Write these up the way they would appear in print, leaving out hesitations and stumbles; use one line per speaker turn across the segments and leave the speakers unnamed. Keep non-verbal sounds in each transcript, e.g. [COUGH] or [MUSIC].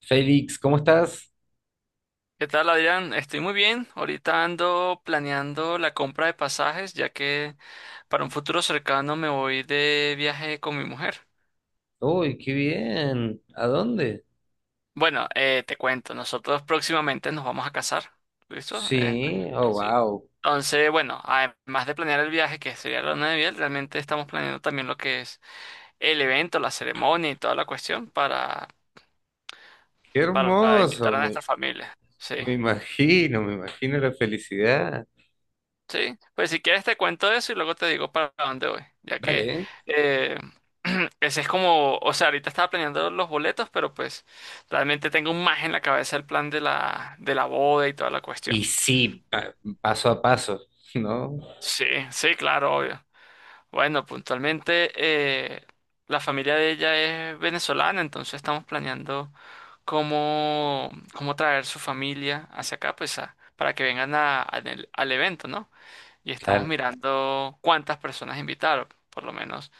Félix, ¿cómo estás?
¿Qué tal, Adrián? Estoy muy bien. Ahorita ando planeando la compra de pasajes, ya que para un futuro cercano me voy de viaje con mi mujer.
Uy, qué bien. ¿A dónde?
Bueno, te cuento, nosotros próximamente nos vamos a casar. ¿Listo?
Sí, oh,
Sí.
wow.
Entonces, bueno, además de planear el viaje, que sería la luna de miel, realmente estamos planeando también lo que es el evento, la ceremonia y toda la cuestión
Qué
para invitar
hermoso,
a nuestra familia. Sí.
me imagino la felicidad.
Sí, pues si quieres te cuento eso y luego te digo para dónde voy, ya que
Vale.
eh, [CLEARS THROAT] ese es como, o sea, ahorita estaba planeando los boletos, pero pues realmente tengo más en la cabeza el plan de de la boda y toda la cuestión.
Y sí, paso a paso, [LAUGHS] ¿no?
Sí, sí, claro, obvio. Bueno, puntualmente la familia de ella es venezolana, entonces estamos planeando cómo traer su familia hacia acá, pues a- para que vengan a- al evento, ¿no? Y estamos
Claro.
mirando cuántas personas invitar, por lo menos.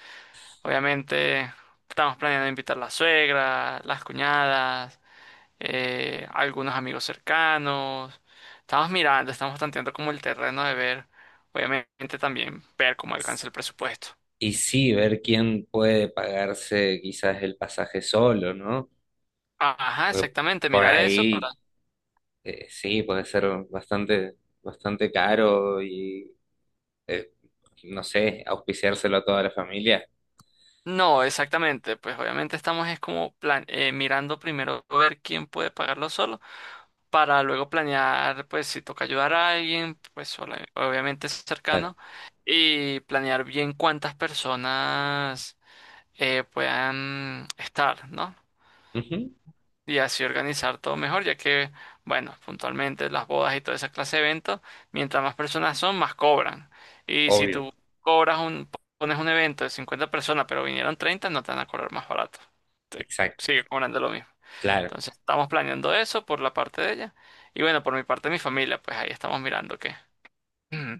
Obviamente estamos planeando invitar la suegra, las cuñadas, algunos amigos cercanos. Estamos mirando, estamos tanteando como el terreno de ver, obviamente también ver cómo alcanza el presupuesto.
Y sí, ver quién puede pagarse quizás el pasaje solo, ¿no?
Ajá,
Porque
exactamente,
por
mirar eso para...
ahí, sí, puede ser bastante, bastante caro y, eh, no sé, auspiciárselo a toda la familia.
No, exactamente, pues obviamente estamos es como plan mirando primero ver quién puede pagarlo solo para luego planear, pues si toca ayudar a alguien, pues ola- obviamente es
Claro.
cercano, y planear bien cuántas personas puedan estar, ¿no?
Ujú.
Y así organizar todo mejor, ya que, bueno, puntualmente las bodas y toda esa clase de eventos, mientras más personas son, más cobran. Y si
Obvio.
tú cobras un, pones un evento de 50 personas, pero vinieron 30, no te van a cobrar más barato. Te
Exacto,
sigue cobrando lo mismo.
claro.
Entonces estamos planeando eso por la parte de ella. Y bueno, por mi parte de mi familia, pues ahí estamos mirando qué. [CLEARS THROAT]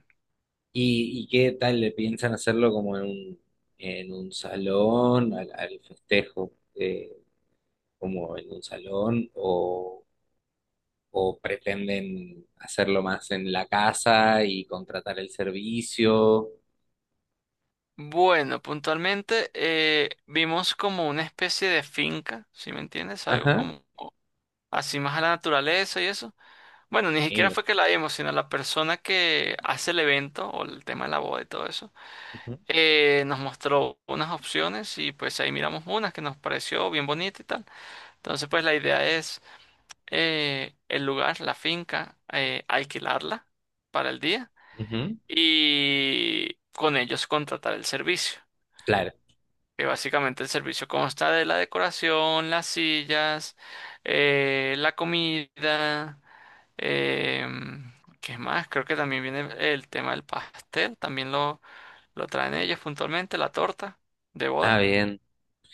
Y qué tal le piensan hacerlo como en un salón, al, al festejo, como en un salón, o pretenden hacerlo más en la casa y contratar el servicio?
Bueno, puntualmente vimos como una especie de finca, ¿si me entiendes? Algo
Ajá,
como así más a la naturaleza y eso. Bueno, ni siquiera
lindo.
fue que la vimos, sino la persona que hace el evento o el tema de la boda y todo eso,
Ujú,
nos mostró unas opciones y pues ahí miramos unas que nos pareció bien bonita y tal. Entonces pues la idea es... el lugar, la finca, alquilarla para el día
ujú,
y con ellos contratar el servicio.
claro.
Que básicamente el servicio consta de la decoración, las sillas, la comida, eh, ¿qué más? Creo que también viene el tema del pastel, también lo traen ellos puntualmente, la torta de
Ah,
boda,
bien,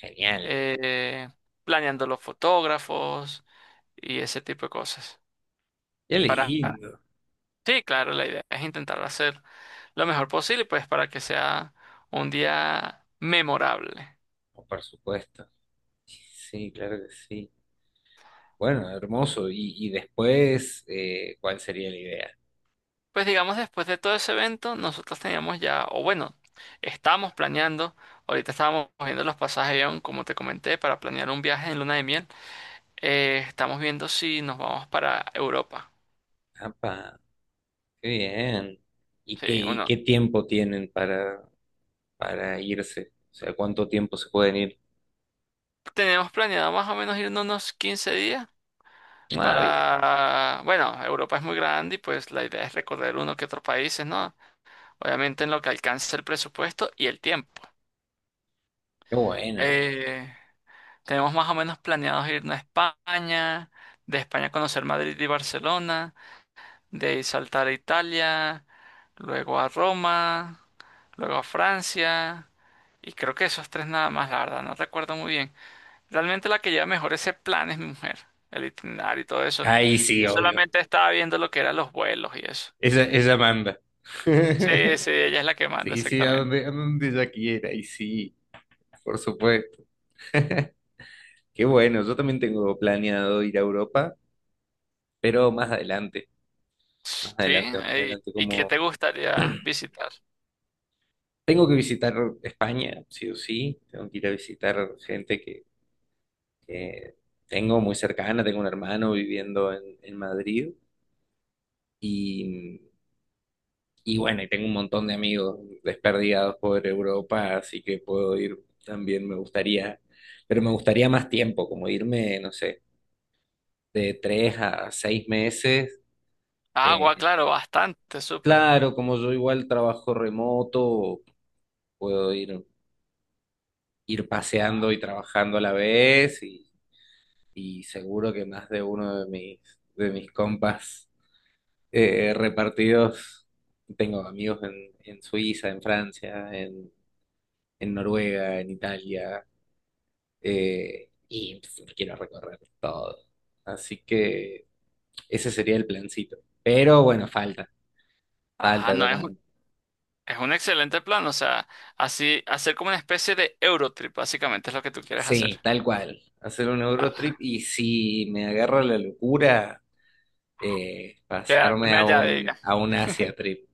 genial.
eh, planeando los fotógrafos y ese tipo de cosas.
Qué
Para
lindo.
Sí, claro, la idea es intentar hacer lo mejor posible, pues para que sea un día memorable.
Oh, por supuesto. Sí, claro que sí. Bueno, hermoso. Y después, ¿cuál sería la idea?
Pues digamos, después de todo ese evento, nosotros teníamos ya, o bueno, estábamos planeando, ahorita estábamos viendo los pasajes de avión, como te comenté, para planear un viaje en luna de miel. Estamos viendo si nos vamos para Europa.
Apa. Qué bien.
Sí,
Y
uno.
qué tiempo tienen para irse? O sea, ¿cuánto tiempo se pueden ir?
Tenemos planeado más o menos irnos unos 15 días
Ah, bien.
para, bueno, Europa es muy grande y pues la idea es recorrer uno que otros países, ¿no? Obviamente en lo que alcance el presupuesto y el tiempo.
Qué bueno.
Eh, tenemos más o menos planeados irnos a España, de España conocer Madrid y Barcelona, de ahí saltar a Italia, luego a Roma, luego a Francia, y creo que esos tres nada más, la verdad, no recuerdo muy bien. Realmente la que lleva mejor ese plan es mi mujer, el itinerario y todo eso.
Ahí sí,
Yo
obvio.
solamente estaba viendo lo que eran los vuelos y eso.
Ella manda.
Sí,
[LAUGHS]
sí, ella es la que manda
Sí, sí,
exactamente.
a donde ella quiera. Ahí sí, por supuesto. [LAUGHS] Qué bueno. Yo también tengo planeado ir a Europa, pero más adelante. Más
Sí,
adelante, más
ey,
adelante.
¿y qué
Como
te gustaría visitar?
tengo que visitar España, sí o sí. Tengo que ir a visitar gente que que tengo muy cercana, tengo un hermano viviendo en Madrid y, y bueno, y tengo un montón de amigos desperdigados por Europa, así que puedo ir también, me gustaría, pero me gustaría más tiempo, como irme, no sé, de 3 a 6 meses.
Agua,
eh,
claro, bastante, súper.
claro, como yo igual trabajo remoto, puedo ir, ir paseando y trabajando a la vez y seguro que más de uno de mis compas repartidos. Tengo amigos en Suiza, en Francia, en Noruega, en Italia, y pues, me quiero recorrer todo. Así que ese sería el plancito. Pero bueno, falta,
Ah,
falta, está
no,
como-
es un excelente plan, o sea, así, hacer como una especie de Eurotrip, básicamente es lo que tú quieres hacer.
sí, tal cual. Hacer un Eurotrip
Ah,
y si me agarra la locura, pasarme
quedarme allá, diga.
a un Asia Trip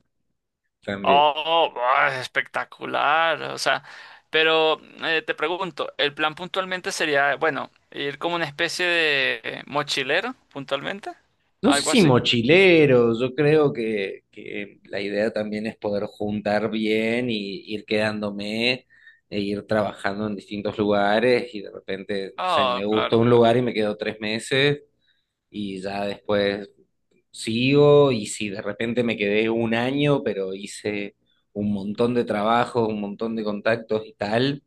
también.
Oh, buah, es espectacular, o sea, pero te pregunto, ¿el plan puntualmente sería, bueno, ir como una especie de mochilero, puntualmente?
No sé
¿Algo
si
así?
mochileros, yo creo que la idea también es poder juntar bien y ir quedándome e ir trabajando en distintos lugares y de repente, o sea,
Oh,
me gustó
claro,
un
claro.
lugar y me quedo 3 meses y ya después sigo y si de repente me quedé un año, pero hice un montón de trabajos, un montón de contactos y tal,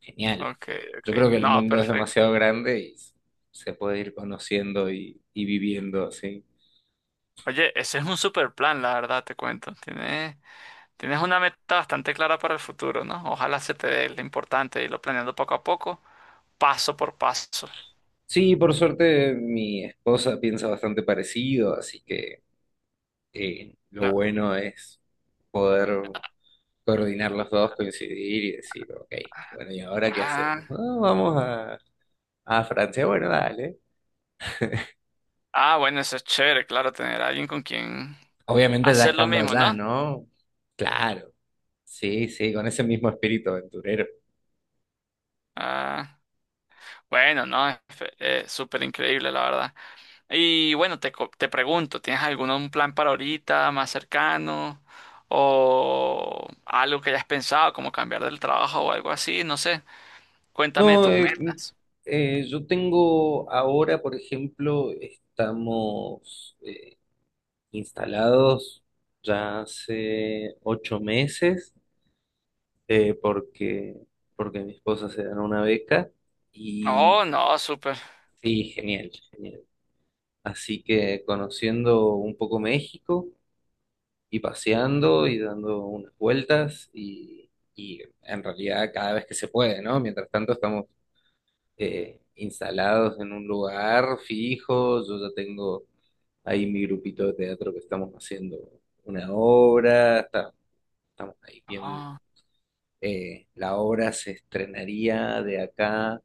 genial.
Ok,
Yo
ok.
creo que el
No,
mundo es
perfecto.
demasiado grande y se puede ir conociendo y viviendo así.
Oye, ese es un super plan, la verdad, te cuento. Tienes, tienes una meta bastante clara para el futuro, ¿no? Ojalá se te dé lo importante, irlo planeando poco a poco, paso por paso.
Sí, por suerte mi esposa piensa bastante parecido, así que lo
No.
bueno es poder coordinar los dos, coincidir y decir, ok, bueno, ¿y ahora qué hacemos?
Ah,
"Ah, vamos a Francia, bueno, dale.
ah, bueno, eso es chévere, claro, tener a alguien con quien
Obviamente ya
hacer lo
estando
mismo,
allá,
¿no?
¿no? Claro, sí, sí, con ese mismo espíritu aventurero.
Ah, bueno, no, súper increíble, la verdad. Y bueno, te pregunto, ¿tienes algún un plan para ahorita, más cercano? ¿O algo que hayas pensado, como cambiar del trabajo o algo así? No sé, cuéntame de
No,
tus metas.
yo tengo ahora, por ejemplo, estamos... instalados ya hace 8 meses eh, porque, porque mi esposa se ganó una beca y
Oh, no, súper.
sí, genial, genial. Así que conociendo un poco México y paseando y dando unas vueltas y en realidad cada vez que se puede, ¿no? Mientras tanto estamos instalados en un lugar fijo, yo ya tengo ahí mi grupito de teatro que estamos haciendo una obra, está estamos ahí bien.
Ah,
La obra se estrenaría de acá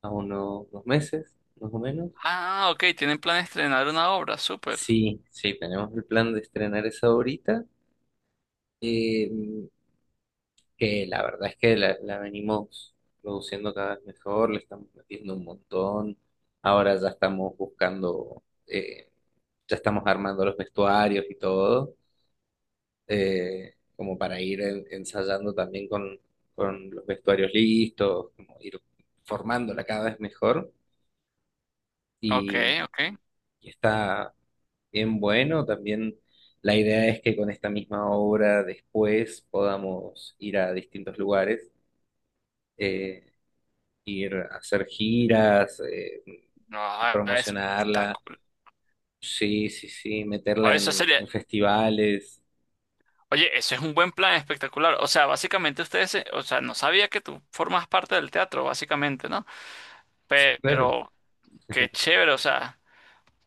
a unos 2 meses, más o menos.
ah, ok, tienen plan de estrenar una obra, súper.
Sí, sí, tenemos el plan de estrenar esa ahorita, eh, que la verdad es que la venimos produciendo cada vez mejor, le estamos metiendo un montón. Ahora ya estamos buscando, ya estamos armando los vestuarios y todo. Como para ir ensayando también con los vestuarios listos, como ir formándola cada vez mejor
Ok,
y,
ok.
y está bien bueno. También la idea es que con esta misma obra después podamos ir a distintos lugares, eh, ir a hacer giras,
No,
y
ah,
promocionarla,
espectacular.
sí, sí, sí,
Oh,
meterla
eso
en
sería,
festivales.
oye, eso es un buen plan espectacular. O sea, básicamente o sea, no sabía que tú formas parte del teatro, básicamente, ¿no?
Sí, claro.
Pero qué chévere, o sea,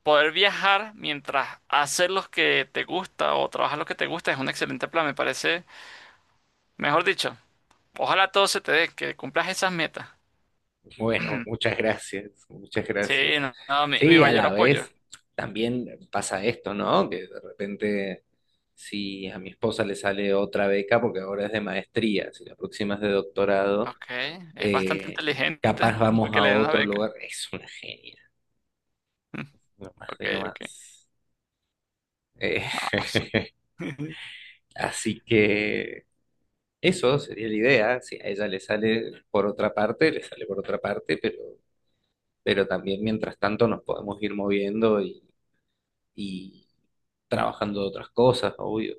poder viajar mientras haces lo que te gusta o trabajar lo que te gusta es un excelente plan, me parece. Mejor dicho, ojalá todo se te dé, que cumplas esas metas.
Bueno,
[CLEARS THROAT]
muchas gracias, muchas gracias.
Sí, no, no, mi
Sí, a
mayor
la
apoyo.
vez también pasa esto, ¿no? Que de repente, si a mi esposa le sale otra beca, porque ahora es de maestría, si la próxima es de doctorado,
Ok, es bastante
eh, capaz
inteligente [LAUGHS] para
vamos
que
a
le den una
otro
beca.
lugar. Es una genia,
[LAUGHS]
no más
Ok,
de no
ok.
más. Eh,
No, su-
[LAUGHS]
[LAUGHS]
Así que eso sería la idea. Si a ella le sale por otra parte, le sale por otra parte, pero también mientras tanto nos podemos ir moviendo y trabajando de otras cosas, obvio.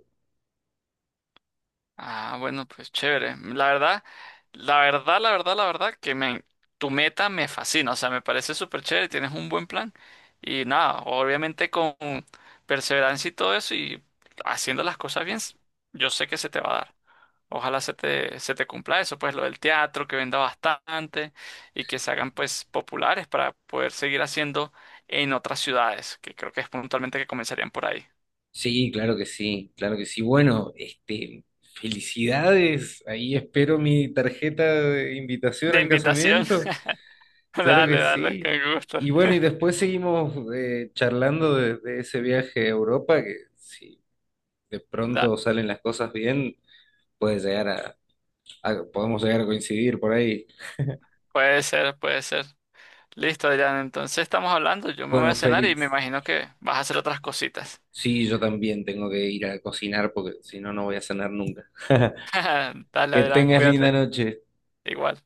Ah, bueno, pues chévere. La verdad, que me, tu meta me fascina. O sea, me parece súper chévere, tienes un buen plan. Y nada, obviamente con perseverancia y todo eso y haciendo las cosas bien, yo sé que se te va a dar. Ojalá se te cumpla eso, pues lo del teatro, que venda bastante y que se hagan pues populares para poder seguir haciendo en otras ciudades, que creo que es puntualmente que comenzarían por ahí.
Sí, claro que sí, claro que sí. Bueno, este, felicidades. Ahí espero mi tarjeta de invitación
De
al
invitación.
casamiento.
[LAUGHS]
Claro que
Dale, dale, con
sí.
gusto.
Y bueno, y después seguimos charlando de ese viaje a Europa, que si de
Da-
pronto salen las cosas bien, puede llegar a, podemos llegar a coincidir por ahí.
puede ser, puede ser. Listo, Adrián. Entonces estamos hablando. Yo me voy
Bueno,
a cenar y me
Félix,
imagino que vas a hacer otras cositas.
sí, yo también tengo que ir a cocinar porque si no, no voy a cenar nunca. [LAUGHS]
[LAUGHS] Dale,
Que
Adrián,
tengas linda
cuídate.
noche.
Igual.